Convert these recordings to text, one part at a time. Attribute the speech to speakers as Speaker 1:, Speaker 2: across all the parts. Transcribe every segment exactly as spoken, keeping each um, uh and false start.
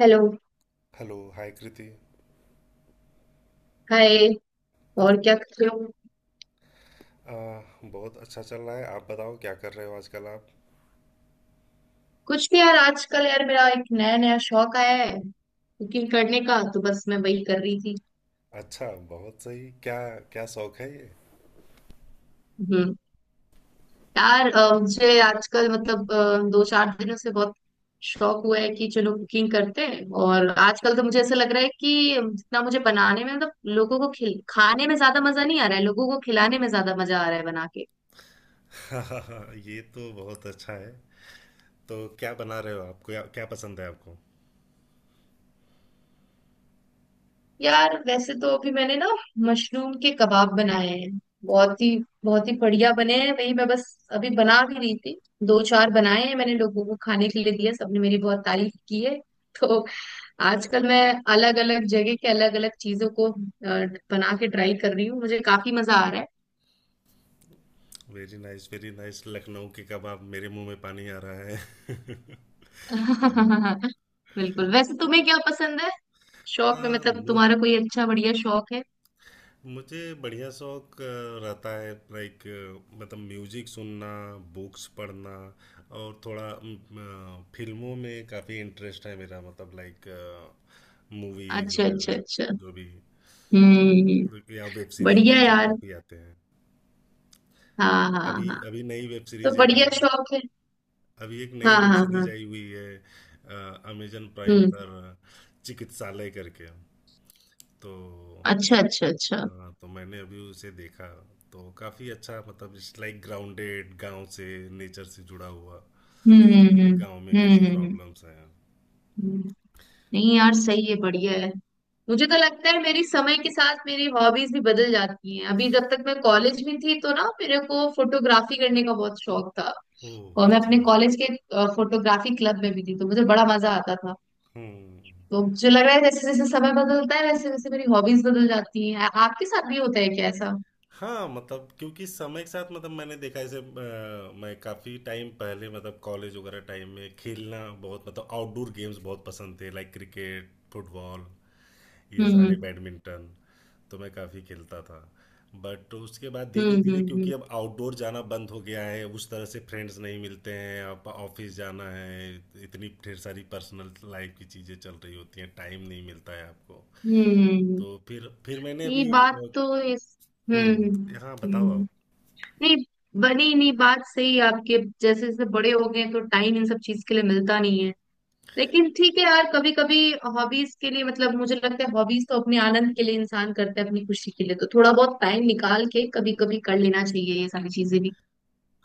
Speaker 1: Hello.
Speaker 2: Hello hi Kriti.
Speaker 1: Hi. और क्या कर रहे हो?
Speaker 2: आ, बहुत अच्छा चल रहा है। आप बताओ क्या कर रहे हो आजकल आप।
Speaker 1: कुछ भी यार। आजकल यार मेरा एक नया नया शौक आया है, कुकिंग करने का। तो बस मैं वही कर रही थी।
Speaker 2: अच्छा, बहुत सही। क्या क्या शौक है ये।
Speaker 1: हम्म। यार, अ, मुझे आजकल मतलब अ, दो चार दिनों से बहुत शौक हुआ है कि चलो कुकिंग करते हैं। और आजकल तो मुझे ऐसा लग रहा है कि जितना मुझे बनाने में मतलब लोगों को खिल खाने में ज्यादा मजा नहीं आ रहा है, लोगों को खिलाने में ज्यादा मजा आ रहा है बना के।
Speaker 2: ये तो बहुत अच्छा है। तो क्या बना रहे हो आप, क्या क्या पसंद है आपको।
Speaker 1: यार वैसे तो अभी मैंने ना मशरूम के कबाब बनाए हैं। बहुत ही बहुत ही बढ़िया बने हैं। वही मैं बस अभी बना भी रही थी। दो चार बनाए हैं मैंने, लोगों को खाने के लिए दिया, सबने मेरी बहुत तारीफ की है। तो आजकल मैं अलग अलग जगह के अलग अलग चीजों को अ, बना के ट्राई कर रही हूँ, मुझे काफी मजा आ रहा है।
Speaker 2: Very nice, very nice. Lucknow के कबाब, मेरे मुंह में पानी आ रहा है।
Speaker 1: बिल्कुल। वैसे तुम्हें क्या पसंद है? शौक में
Speaker 2: आ,
Speaker 1: मतलब तुम्हारा कोई अच्छा बढ़िया शौक है?
Speaker 2: मुझे बढ़िया शौक अ, रहता है। लाइक, मतलब म्यूजिक सुनना, बुक्स पढ़ना, और थोड़ा म, अ, फिल्मों में काफ़ी इंटरेस्ट है मेरा। मतलब लाइक मूवीज
Speaker 1: अच्छा अच्छा अच्छा।
Speaker 2: वगैरह, जो भी,
Speaker 1: हम्म।
Speaker 2: या वेब सीरीज
Speaker 1: बढ़िया
Speaker 2: आजकल
Speaker 1: यार।
Speaker 2: काफ़ी आते हैं।
Speaker 1: हाँ हाँ
Speaker 2: अभी
Speaker 1: हाँ।
Speaker 2: अभी नई वेब
Speaker 1: तो
Speaker 2: सीरीज एक
Speaker 1: बढ़िया
Speaker 2: आई,
Speaker 1: शौक है।
Speaker 2: अभी एक नई
Speaker 1: हाँ
Speaker 2: वेब
Speaker 1: हाँ
Speaker 2: सीरीज
Speaker 1: हाँ।
Speaker 2: आई हुई है अमेजन प्राइम
Speaker 1: हम्म।
Speaker 2: पर, चिकित्सालय करके। तो
Speaker 1: अच्छा अच्छा अच्छा।
Speaker 2: हाँ, तो मैंने अभी उसे देखा, तो काफी अच्छा, मतलब इट्स लाइक ग्राउंडेड, गांव से, नेचर से जुड़ा हुआ,
Speaker 1: हम्म हम्म हम्म,
Speaker 2: गांव में कैसी
Speaker 1: हम्म हम्म।
Speaker 2: प्रॉब्लम्स हैं।
Speaker 1: हम्म। नहीं यार, सही है बढ़िया है। मुझे तो लगता है मेरी समय के साथ मेरी हॉबीज भी बदल जाती हैं। अभी जब तक मैं कॉलेज में थी तो ना मेरे को फोटोग्राफी करने का बहुत शौक था,
Speaker 2: ओह
Speaker 1: और मैं अपने
Speaker 2: अच्छा।
Speaker 1: कॉलेज के फोटोग्राफी क्लब में भी थी तो मुझे बड़ा मजा आता था।
Speaker 2: हम्म।
Speaker 1: तो मुझे लग रहा है जैसे जैसे समय बदलता है वैसे वैसे मेरी हॉबीज बदल जाती हैं। आ- आपके साथ भी होता है क्या ऐसा?
Speaker 2: हाँ मतलब, क्योंकि समय के साथ, मतलब मैंने देखा जैसे, अ, मैं काफ़ी टाइम पहले, मतलब कॉलेज वगैरह टाइम में, खेलना बहुत, मतलब आउटडोर गेम्स बहुत पसंद थे, लाइक क्रिकेट, फुटबॉल, ये सारे,
Speaker 1: हम्म
Speaker 2: बैडमिंटन, तो मैं काफ़ी खेलता था। बट उसके बाद धीरे
Speaker 1: हम्म
Speaker 2: धीरे, क्योंकि
Speaker 1: हम्म
Speaker 2: अब आउटडोर जाना बंद हो गया है, उस तरह से फ्रेंड्स नहीं मिलते हैं, अब ऑफिस जाना है, इतनी ढेर सारी पर्सनल लाइफ की चीज़ें चल रही होती हैं, टाइम नहीं मिलता है आपको।
Speaker 1: हम्म हम्म।
Speaker 2: तो फिर फिर मैंने
Speaker 1: ये
Speaker 2: अभी,
Speaker 1: बात तो इस। हम्म
Speaker 2: हम्म, हाँ
Speaker 1: हम्म
Speaker 2: बताओ आप।
Speaker 1: हम्म। नहीं, बनी नहीं बात। सही है आपके, जैसे जैसे बड़े हो गए तो टाइम इन सब चीज के लिए मिलता नहीं है। लेकिन ठीक है यार, कभी कभी हॉबीज के लिए मतलब मुझे लगता है हॉबीज तो अपने आनंद के लिए इंसान करता है, अपनी खुशी के लिए। तो थोड़ा बहुत टाइम निकाल के कभी कभी कर लेना चाहिए ये सारी चीजें भी।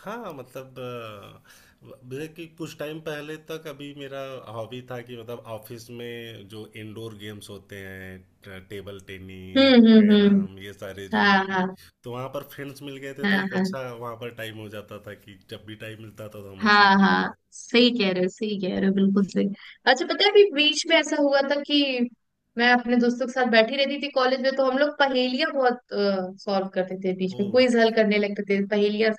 Speaker 2: हाँ मतलब अ, मेरे कि कुछ टाइम पहले तक, अभी मेरा हॉबी था कि, मतलब ऑफिस में जो इंडोर गेम्स होते हैं, ट- टेबल टेनिस,
Speaker 1: हम्म हम्म हम्म।
Speaker 2: कैरम, ये सारे जो है
Speaker 1: हाँ
Speaker 2: कि-।
Speaker 1: हाँ
Speaker 2: तो वहाँ पर फ्रेंड्स मिल गए थे, तो
Speaker 1: हाँ।
Speaker 2: एक
Speaker 1: हाँ
Speaker 2: अच्छा वहाँ पर टाइम हो जाता था कि जब भी टाइम मिलता था तो हम वो
Speaker 1: हाँ
Speaker 2: खेलते
Speaker 1: हाँ,
Speaker 2: थे।
Speaker 1: सही कह रहे हो सही कह रहे हो, बिल्कुल सही। अच्छा पता है अभी बीच में ऐसा हुआ था कि मैं अपने दोस्तों के साथ बैठी रहती थी कॉलेज में, तो हम लोग पहेलियां बहुत सॉल्व करते थे, बीच में क्विज हल
Speaker 2: ओह।
Speaker 1: करने लगते थे। पहेलियां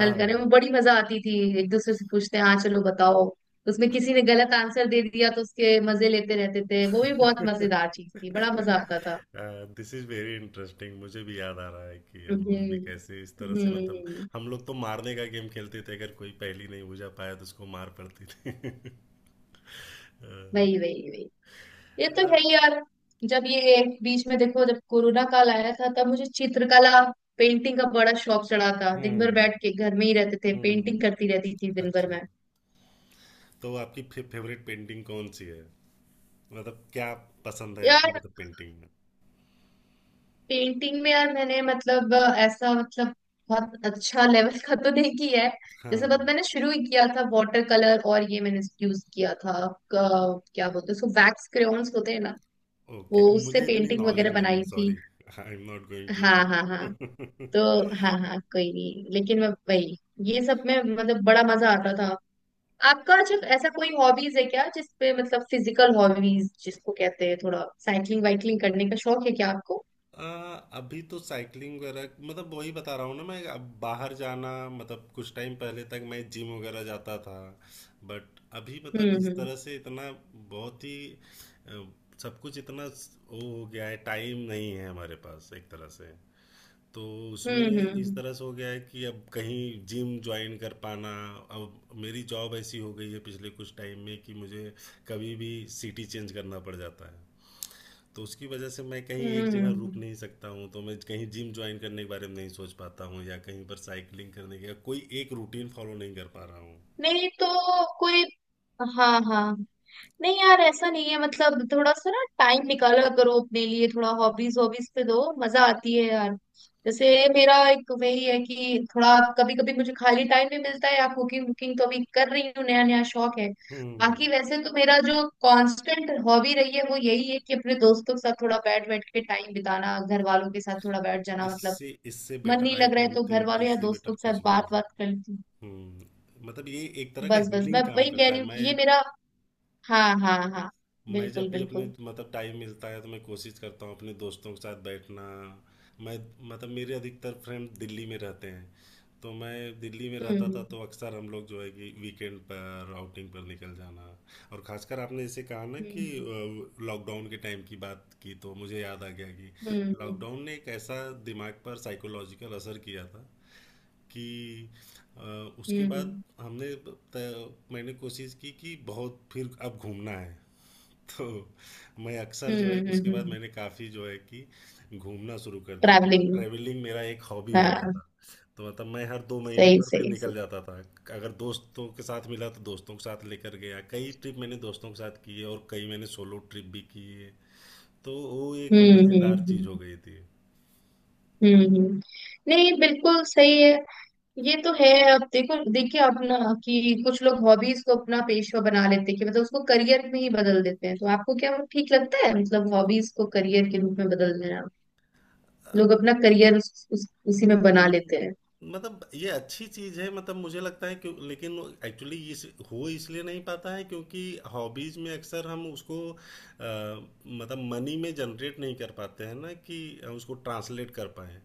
Speaker 1: हल करने में बड़ी मजा आती थी। एक दूसरे से पूछते हैं, हाँ चलो बताओ। उसमें किसी ने गलत आंसर दे दिया तो उसके मजे लेते रहते थे। वो भी बहुत मजेदार चीज थी, बड़ा मजा आता था।
Speaker 2: This is very interesting. मुझे भी याद आ रहा है कि हम लोग भी
Speaker 1: हम्म
Speaker 2: कैसे इस तरह से, मतलब
Speaker 1: हम्म।
Speaker 2: हम लोग तो मारने का गेम खेलते थे। अगर कोई पहेली नहीं बुझा पाया तो उसको मार पड़ती थी। अ,
Speaker 1: वही वही वही, ये तो
Speaker 2: अ,
Speaker 1: है ही यार। जब ये बीच में देखो, जब कोरोना काल आया था तब मुझे चित्रकला पेंटिंग का बड़ा शौक चढ़ा था। दिन भर
Speaker 2: हम्म,
Speaker 1: बैठ के घर में ही रहते थे,
Speaker 2: हम्म।
Speaker 1: पेंटिंग करती रहती थी दिन भर
Speaker 2: अच्छा।
Speaker 1: में।
Speaker 2: तो आपकी फे, फेवरेट पेंटिंग कौन सी है, मतलब क्या पसंद है आपको,
Speaker 1: यार
Speaker 2: मतलब पेंटिंग में।
Speaker 1: पेंटिंग में यार मैंने मतलब अ, ऐसा मतलब बहुत अच्छा लेवल का तो नहीं किया है। जैसे
Speaker 2: हाँ।
Speaker 1: बस मैंने शुरू ही किया था वाटर कलर, और ये मैंने यूज किया था, क- क्या बोलते हैं उसको, वैक्स क्रेयॉन्स होते हैं ना,
Speaker 2: ओके,
Speaker 1: वो उससे
Speaker 2: मुझे इतनी
Speaker 1: पेंटिंग
Speaker 2: नॉलेज
Speaker 1: वगैरह
Speaker 2: नहीं है,
Speaker 1: बनाई थी।
Speaker 2: सॉरी। आई एम नॉट
Speaker 1: हाँ
Speaker 2: गोइंग
Speaker 1: हाँ हाँ।
Speaker 2: टू।
Speaker 1: तो हाँ हाँ, कोई नहीं। लेकिन मैं वही, ये सब में मतलब बड़ा मजा आता था। आपका अच्छा ऐसा कोई हॉबीज है क्या, जिसपे मतलब फिजिकल हॉबीज जिसको कहते हैं, थोड़ा साइकिलिंग वाइकलिंग करने का शौक है क्या आपको?
Speaker 2: आ, अभी तो साइकिलिंग वगैरह, मतलब वही बता रहा हूँ ना मैं, अब बाहर जाना, मतलब कुछ टाइम पहले तक मैं जिम वगैरह जाता था। बट अभी, मतलब इस
Speaker 1: हम्म
Speaker 2: तरह से इतना बहुत ही अ, सब कुछ इतना स- वो हो गया है, टाइम नहीं है हमारे पास एक तरह से। तो
Speaker 1: हम्म
Speaker 2: उसमें
Speaker 1: हम्म
Speaker 2: इस
Speaker 1: हम्म
Speaker 2: तरह से हो गया है कि अब कहीं जिम ज्वाइन कर पाना, अब मेरी जॉब ऐसी हो गई है पिछले कुछ टाइम में कि मुझे कभी भी सिटी चेंज करना पड़ जाता है। तो उसकी वजह से मैं कहीं
Speaker 1: हम्म
Speaker 2: एक
Speaker 1: हम्म, हम्म।
Speaker 2: जगह रुक
Speaker 1: हम्म।
Speaker 2: नहीं सकता हूँ, तो मैं कहीं जिम ज्वाइन करने के बारे में नहीं सोच पाता हूँ, या कहीं पर साइकिलिंग करने का कोई एक रूटीन फॉलो नहीं कर पा रहा हूँ।
Speaker 1: नहीं तो कोई। हाँ हाँ। नहीं यार, ऐसा नहीं है मतलब, थोड़ा सा ना टाइम निकाला करो अपने लिए, थोड़ा हॉबीज हॉबीज पे दो। मजा आती है यार। जैसे मेरा एक वही है कि थोड़ा कभी कभी मुझे खाली टाइम भी मिलता है, या कुकिंग वुकिंग तो अभी कर रही हूँ, नया नया शौक है।
Speaker 2: हम्म।
Speaker 1: बाकी वैसे तो मेरा जो कांस्टेंट हॉबी रही है वो यही है कि अपने दोस्तों के साथ थोड़ा बैठ बैठ के टाइम बिताना, घर वालों के साथ थोड़ा बैठ जाना, मतलब
Speaker 2: इससे इससे
Speaker 1: मन
Speaker 2: बेटर,
Speaker 1: नहीं
Speaker 2: आई
Speaker 1: लग रहा है
Speaker 2: डोंट
Speaker 1: तो घर
Speaker 2: थिंक
Speaker 1: वालों या
Speaker 2: इससे
Speaker 1: दोस्तों
Speaker 2: बेटर
Speaker 1: के साथ
Speaker 2: कुछ भी हो
Speaker 1: बात बात कर
Speaker 2: सकता।
Speaker 1: लेती हूँ।
Speaker 2: हम्म, मतलब ये एक तरह का
Speaker 1: बस बस मैं
Speaker 2: हीलिंग काम
Speaker 1: वही कह
Speaker 2: करता
Speaker 1: रही
Speaker 2: है।
Speaker 1: हूँ
Speaker 2: मैं
Speaker 1: कि ये मेरा। हाँ हाँ हाँ,
Speaker 2: मैं जब
Speaker 1: बिल्कुल
Speaker 2: भी अपने,
Speaker 1: बिल्कुल।
Speaker 2: मतलब टाइम मिलता है, तो मैं कोशिश करता हूँ अपने दोस्तों के साथ बैठना। मैं, मतलब मेरे अधिकतर फ्रेंड दिल्ली में रहते हैं, तो मैं दिल्ली में रहता था,
Speaker 1: हम्म
Speaker 2: तो अक्सर हम लोग जो है कि वीकेंड पर आउटिंग पर निकल जाना। और खासकर आपने जैसे कहा ना कि अ, लॉकडाउन के टाइम की बात की, तो मुझे याद आ गया कि
Speaker 1: हम्म
Speaker 2: लॉकडाउन ने एक ऐसा दिमाग पर साइकोलॉजिकल असर किया था कि अ, उसके बाद
Speaker 1: हम्म
Speaker 2: हमने त- मैंने कोशिश की कि बहुत फिर अब घूमना है। तो मैं अक्सर जो है कि उसके बाद
Speaker 1: हम्म।
Speaker 2: मैंने काफ़ी जो है कि घूमना शुरू कर दिया, मतलब
Speaker 1: ट्रैवलिंग।
Speaker 2: ट्रैवलिंग मेरा एक हॉबी हो गया
Speaker 1: हाँ।
Speaker 2: था। तो मतलब मैं हर दो महीने
Speaker 1: सही
Speaker 2: पर फिर
Speaker 1: सही
Speaker 2: निकल
Speaker 1: सही।
Speaker 2: जाता था। अगर दोस्तों के साथ मिला तो दोस्तों के साथ लेकर गया, कई ट्रिप मैंने दोस्तों के साथ किए, और कई मैंने सोलो ट्रिप भी किए। तो वो एक
Speaker 1: हम्म
Speaker 2: मज़ेदार चीज़
Speaker 1: हम्म
Speaker 2: हो गई थी।
Speaker 1: हम्म हम्म, हम्म, हम्म। नहीं बिल्कुल सही है। ये तो है। अब देखो देखिए आप ना, कि कुछ लोग हॉबीज को अपना पेशा बना लेते हैं कि मतलब उसको करियर में ही बदल देते हैं। तो आपको क्या वो ठीक लगता है मतलब हॉबीज को करियर के रूप में बदल देना, लोग अपना करियर उस, उस, उसी में बना
Speaker 2: हम्म,
Speaker 1: लेते हैं।
Speaker 2: मतलब ये अच्छी चीज है, मतलब मुझे लगता है, क्यों लेकिन एक्चुअली ये इस हो इसलिए नहीं पाता है, क्योंकि हॉबीज में अक्सर हम उसको अ, मतलब मनी में जनरेट नहीं कर पाते हैं ना कि उसको ट्रांसलेट कर पाए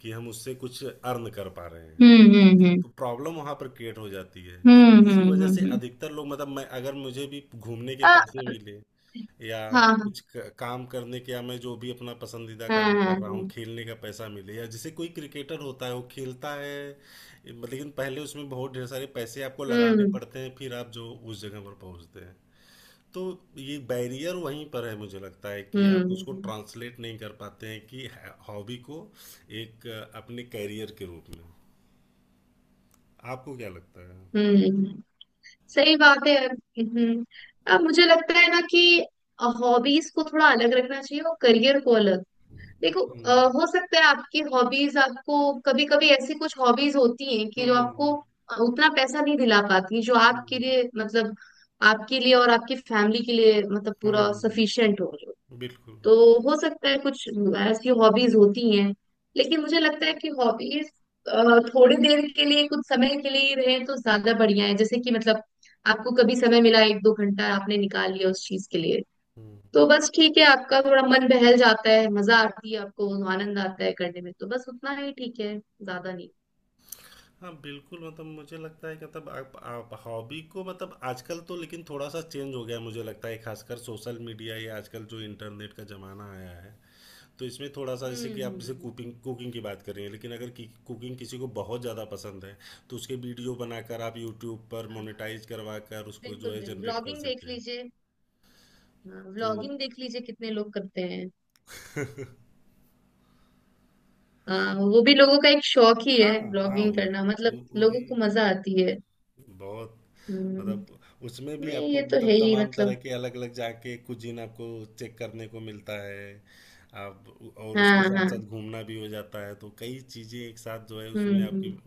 Speaker 2: कि हम उससे कुछ अर्न कर पा रहे हैं।
Speaker 1: हम्म हम्म हम्म
Speaker 2: तो प्रॉब्लम वहां पर क्रिएट हो जाती है।
Speaker 1: हम्म हम्म
Speaker 2: इसी
Speaker 1: हम्म
Speaker 2: वजह से
Speaker 1: हम्म।
Speaker 2: अधिकतर लोग, मतलब मैं, अगर मुझे भी घूमने के
Speaker 1: आ,
Speaker 2: पैसे मिले, या
Speaker 1: हाँ हाँ
Speaker 2: कुछ क- काम करने के, या मैं जो भी अपना पसंदीदा
Speaker 1: हाँ।
Speaker 2: काम
Speaker 1: हाँ
Speaker 2: कर रहा हूँ
Speaker 1: हाँ।
Speaker 2: खेलने का पैसा मिले, या जैसे कोई क्रिकेटर होता है वो खेलता है। लेकिन पहले उसमें बहुत ढेर सारे पैसे आपको लगाने
Speaker 1: हम्म
Speaker 2: पड़ते हैं, फिर आप जो उस जगह पर पहुंचते हैं। तो ये बैरियर वहीं पर है, मुझे लगता है कि आप उसको
Speaker 1: हम्म
Speaker 2: ट्रांसलेट नहीं कर पाते हैं कि हॉबी को एक अ, अपने कैरियर के रूप में। आपको क्या लगता है।
Speaker 1: हम्म। सही बात है यार। हम्म। अब मुझे लगता है ना कि हॉबीज को थोड़ा अलग रखना चाहिए और करियर को अलग। देखो
Speaker 2: हुँ,
Speaker 1: अ, हो सकता है आपकी हॉबीज आपको, कभी कभी ऐसी कुछ हॉबीज होती हैं कि जो आपको
Speaker 2: हुँ,
Speaker 1: उतना पैसा नहीं दिला पाती जो आपके
Speaker 2: हुँ,
Speaker 1: लिए मतलब आपके लिए और आपकी फैमिली के लिए मतलब पूरा
Speaker 2: हुँ,
Speaker 1: सफिशिएंट हो।
Speaker 2: बिल्कुल।
Speaker 1: तो हो सकता है कुछ ऐसी हॉबीज होती हैं। लेकिन मुझे लगता है कि हॉबीज थोड़ी देर के लिए कुछ समय के लिए ही रहे तो ज्यादा बढ़िया है। जैसे कि मतलब आपको कभी समय मिला, एक दो घंटा आपने निकाल लिया उस चीज के लिए,
Speaker 2: हुँ।
Speaker 1: तो बस ठीक है, आपका थोड़ा मन बहल जाता है, मजा आती है आपको, आनंद आता है करने में, तो बस उतना ही ठीक है, ज्यादा नहीं।
Speaker 2: हाँ, बिल्कुल, मतलब मुझे लगता है कि, मतलब आप आप हॉबी को, मतलब आजकल तो लेकिन थोड़ा-सा चेंज हो गया है, मुझे लगता है खासकर सोशल मीडिया या आजकल जो इंटरनेट का ज़माना आया है, तो इसमें थोड़ा-सा,
Speaker 1: हम्म
Speaker 2: जैसे कि आप
Speaker 1: हम्म
Speaker 2: जैसे
Speaker 1: हम्म।
Speaker 2: कुकिंग कुकिंग की बात कर रही हैं, लेकिन अगर कि कुकिंग किसी को बहुत ज़्यादा पसंद है, तो उसके वीडियो बनाकर आप यूट्यूब पर मोनेटाइज़ करवाकर उसको जो
Speaker 1: बिल्कुल
Speaker 2: है
Speaker 1: बिल्कुल,
Speaker 2: जनरेट कर
Speaker 1: व्लॉगिंग देख
Speaker 2: सकते हैं।
Speaker 1: लीजिए।
Speaker 2: तो।
Speaker 1: व्लॉगिंग देख लीजिए कितने लोग करते हैं। हाँ, वो भी लोगों का एक शौक ही है,
Speaker 2: हाँ, हाँ,
Speaker 1: ब्लॉगिंग
Speaker 2: वो
Speaker 1: करना मतलब
Speaker 2: वो वो भी
Speaker 1: लोगों को मजा आती है।
Speaker 2: बहुत,
Speaker 1: हम्म।
Speaker 2: मतलब उसमें भी
Speaker 1: नहीं
Speaker 2: आपको,
Speaker 1: ये तो है
Speaker 2: मतलब
Speaker 1: ही
Speaker 2: तमाम तरह
Speaker 1: मतलब।
Speaker 2: के अलग अलग जाके कुजीन आपको चेक करने को मिलता है। आप, और उसके
Speaker 1: हाँ
Speaker 2: साथ
Speaker 1: हाँ।
Speaker 2: साथ घूमना भी हो जाता है, तो कई चीज़ें एक साथ जो है
Speaker 1: हम्म
Speaker 2: उसमें आपकी
Speaker 1: हम्म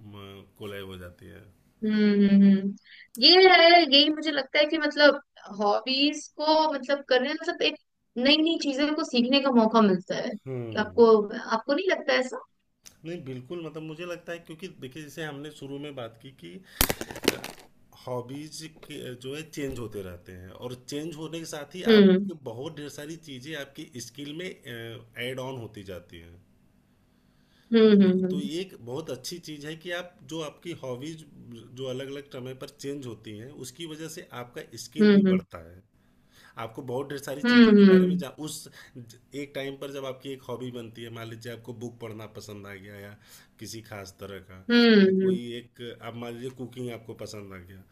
Speaker 2: कोलैब हो जाती है।
Speaker 1: हम्म हम्म, हम्म। ये है, यही मुझे लगता है कि मतलब हॉबीज को मतलब करने मतलब एक नई नई चीजों को सीखने का मौका मिलता है
Speaker 2: हम्म।
Speaker 1: आपको। आपको नहीं लगता ऐसा?
Speaker 2: नहीं बिल्कुल, मतलब मुझे लगता है क्योंकि देखिए, जैसे हमने शुरू में बात की कि हॉबीज के जो है चेंज होते रहते हैं, और चेंज होने के साथ ही
Speaker 1: हम्म
Speaker 2: आपको बहुत ढेर सारी चीज़ें आपकी स्किल में ऐड ऑन होती जाती हैं।
Speaker 1: हम्म
Speaker 2: तो तो
Speaker 1: हम्म
Speaker 2: ये एक बहुत अच्छी चीज़ है कि आप जो आपकी हॉबीज जो अलग अलग समय पर चेंज होती हैं, उसकी वजह से आपका स्किल भी
Speaker 1: हम्म
Speaker 2: बढ़ता है। आपको बहुत ढेर सारी
Speaker 1: हम्म
Speaker 2: चीज़ों के
Speaker 1: हम्म
Speaker 2: बारे में
Speaker 1: हम्म
Speaker 2: जा उस, ज- एक टाइम पर जब आपकी एक हॉबी बनती है, मान लीजिए आपको बुक पढ़ना पसंद आ गया, या किसी खास तरह का,
Speaker 1: हम्म
Speaker 2: या कोई
Speaker 1: हम्म
Speaker 2: एक आप मान लीजिए कुकिंग आपको पसंद आ गया,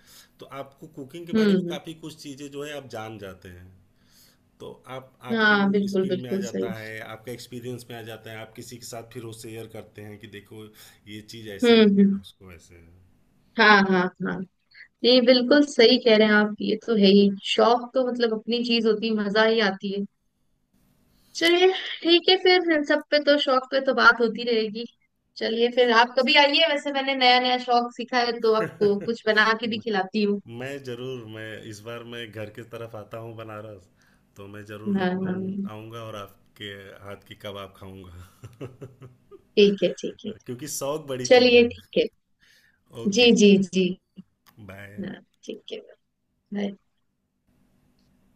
Speaker 2: तो आपको कुकिंग के बारे
Speaker 1: हम्म,
Speaker 2: में
Speaker 1: हम्म।
Speaker 2: काफ़ी कुछ चीज़ें जो है आप जान जाते हैं। तो आप,
Speaker 1: हम्म,
Speaker 2: आपके
Speaker 1: हाँ
Speaker 2: वो
Speaker 1: बिल्कुल
Speaker 2: स्किल में आ
Speaker 1: बिल्कुल सही।
Speaker 2: जाता है, आपका एक्सपीरियंस में आ जाता है, आप किसी के साथ फिर वो शेयर करते हैं कि देखो ये चीज़ ऐसे
Speaker 1: हम्म
Speaker 2: है या
Speaker 1: हम्म।
Speaker 2: उसको ऐसे है।
Speaker 1: हाँ हाँ हाँ। जी बिल्कुल सही कह रहे हैं आप। ये तो है ही, शौक तो मतलब अपनी चीज होती है, मजा ही आती है। चलिए, ठीक है फिर। इन सब पे तो शौक पे तो बात होती रहेगी। चलिए फिर आप कभी आइए, वैसे मैंने नया नया शौक सीखा है तो आपको कुछ बना के भी
Speaker 2: म-
Speaker 1: खिलाती हूँ।
Speaker 2: मैं ज़रूर, मैं इस बार, मैं घर के तरफ आता हूँ बनारस, तो मैं ज़रूर
Speaker 1: हाँ हाँ,
Speaker 2: लखनऊ
Speaker 1: हाँ।
Speaker 2: आऊँगा और आपके हाथ की कबाब खाऊंगा।
Speaker 1: ठीक है ठीक है।
Speaker 2: क्योंकि शौक बड़ी चीज़
Speaker 1: चलिए
Speaker 2: है।
Speaker 1: ठीक है। जी
Speaker 2: ओके।
Speaker 1: जी जी।
Speaker 2: बाय।
Speaker 1: हाँ ठीक है। बाय।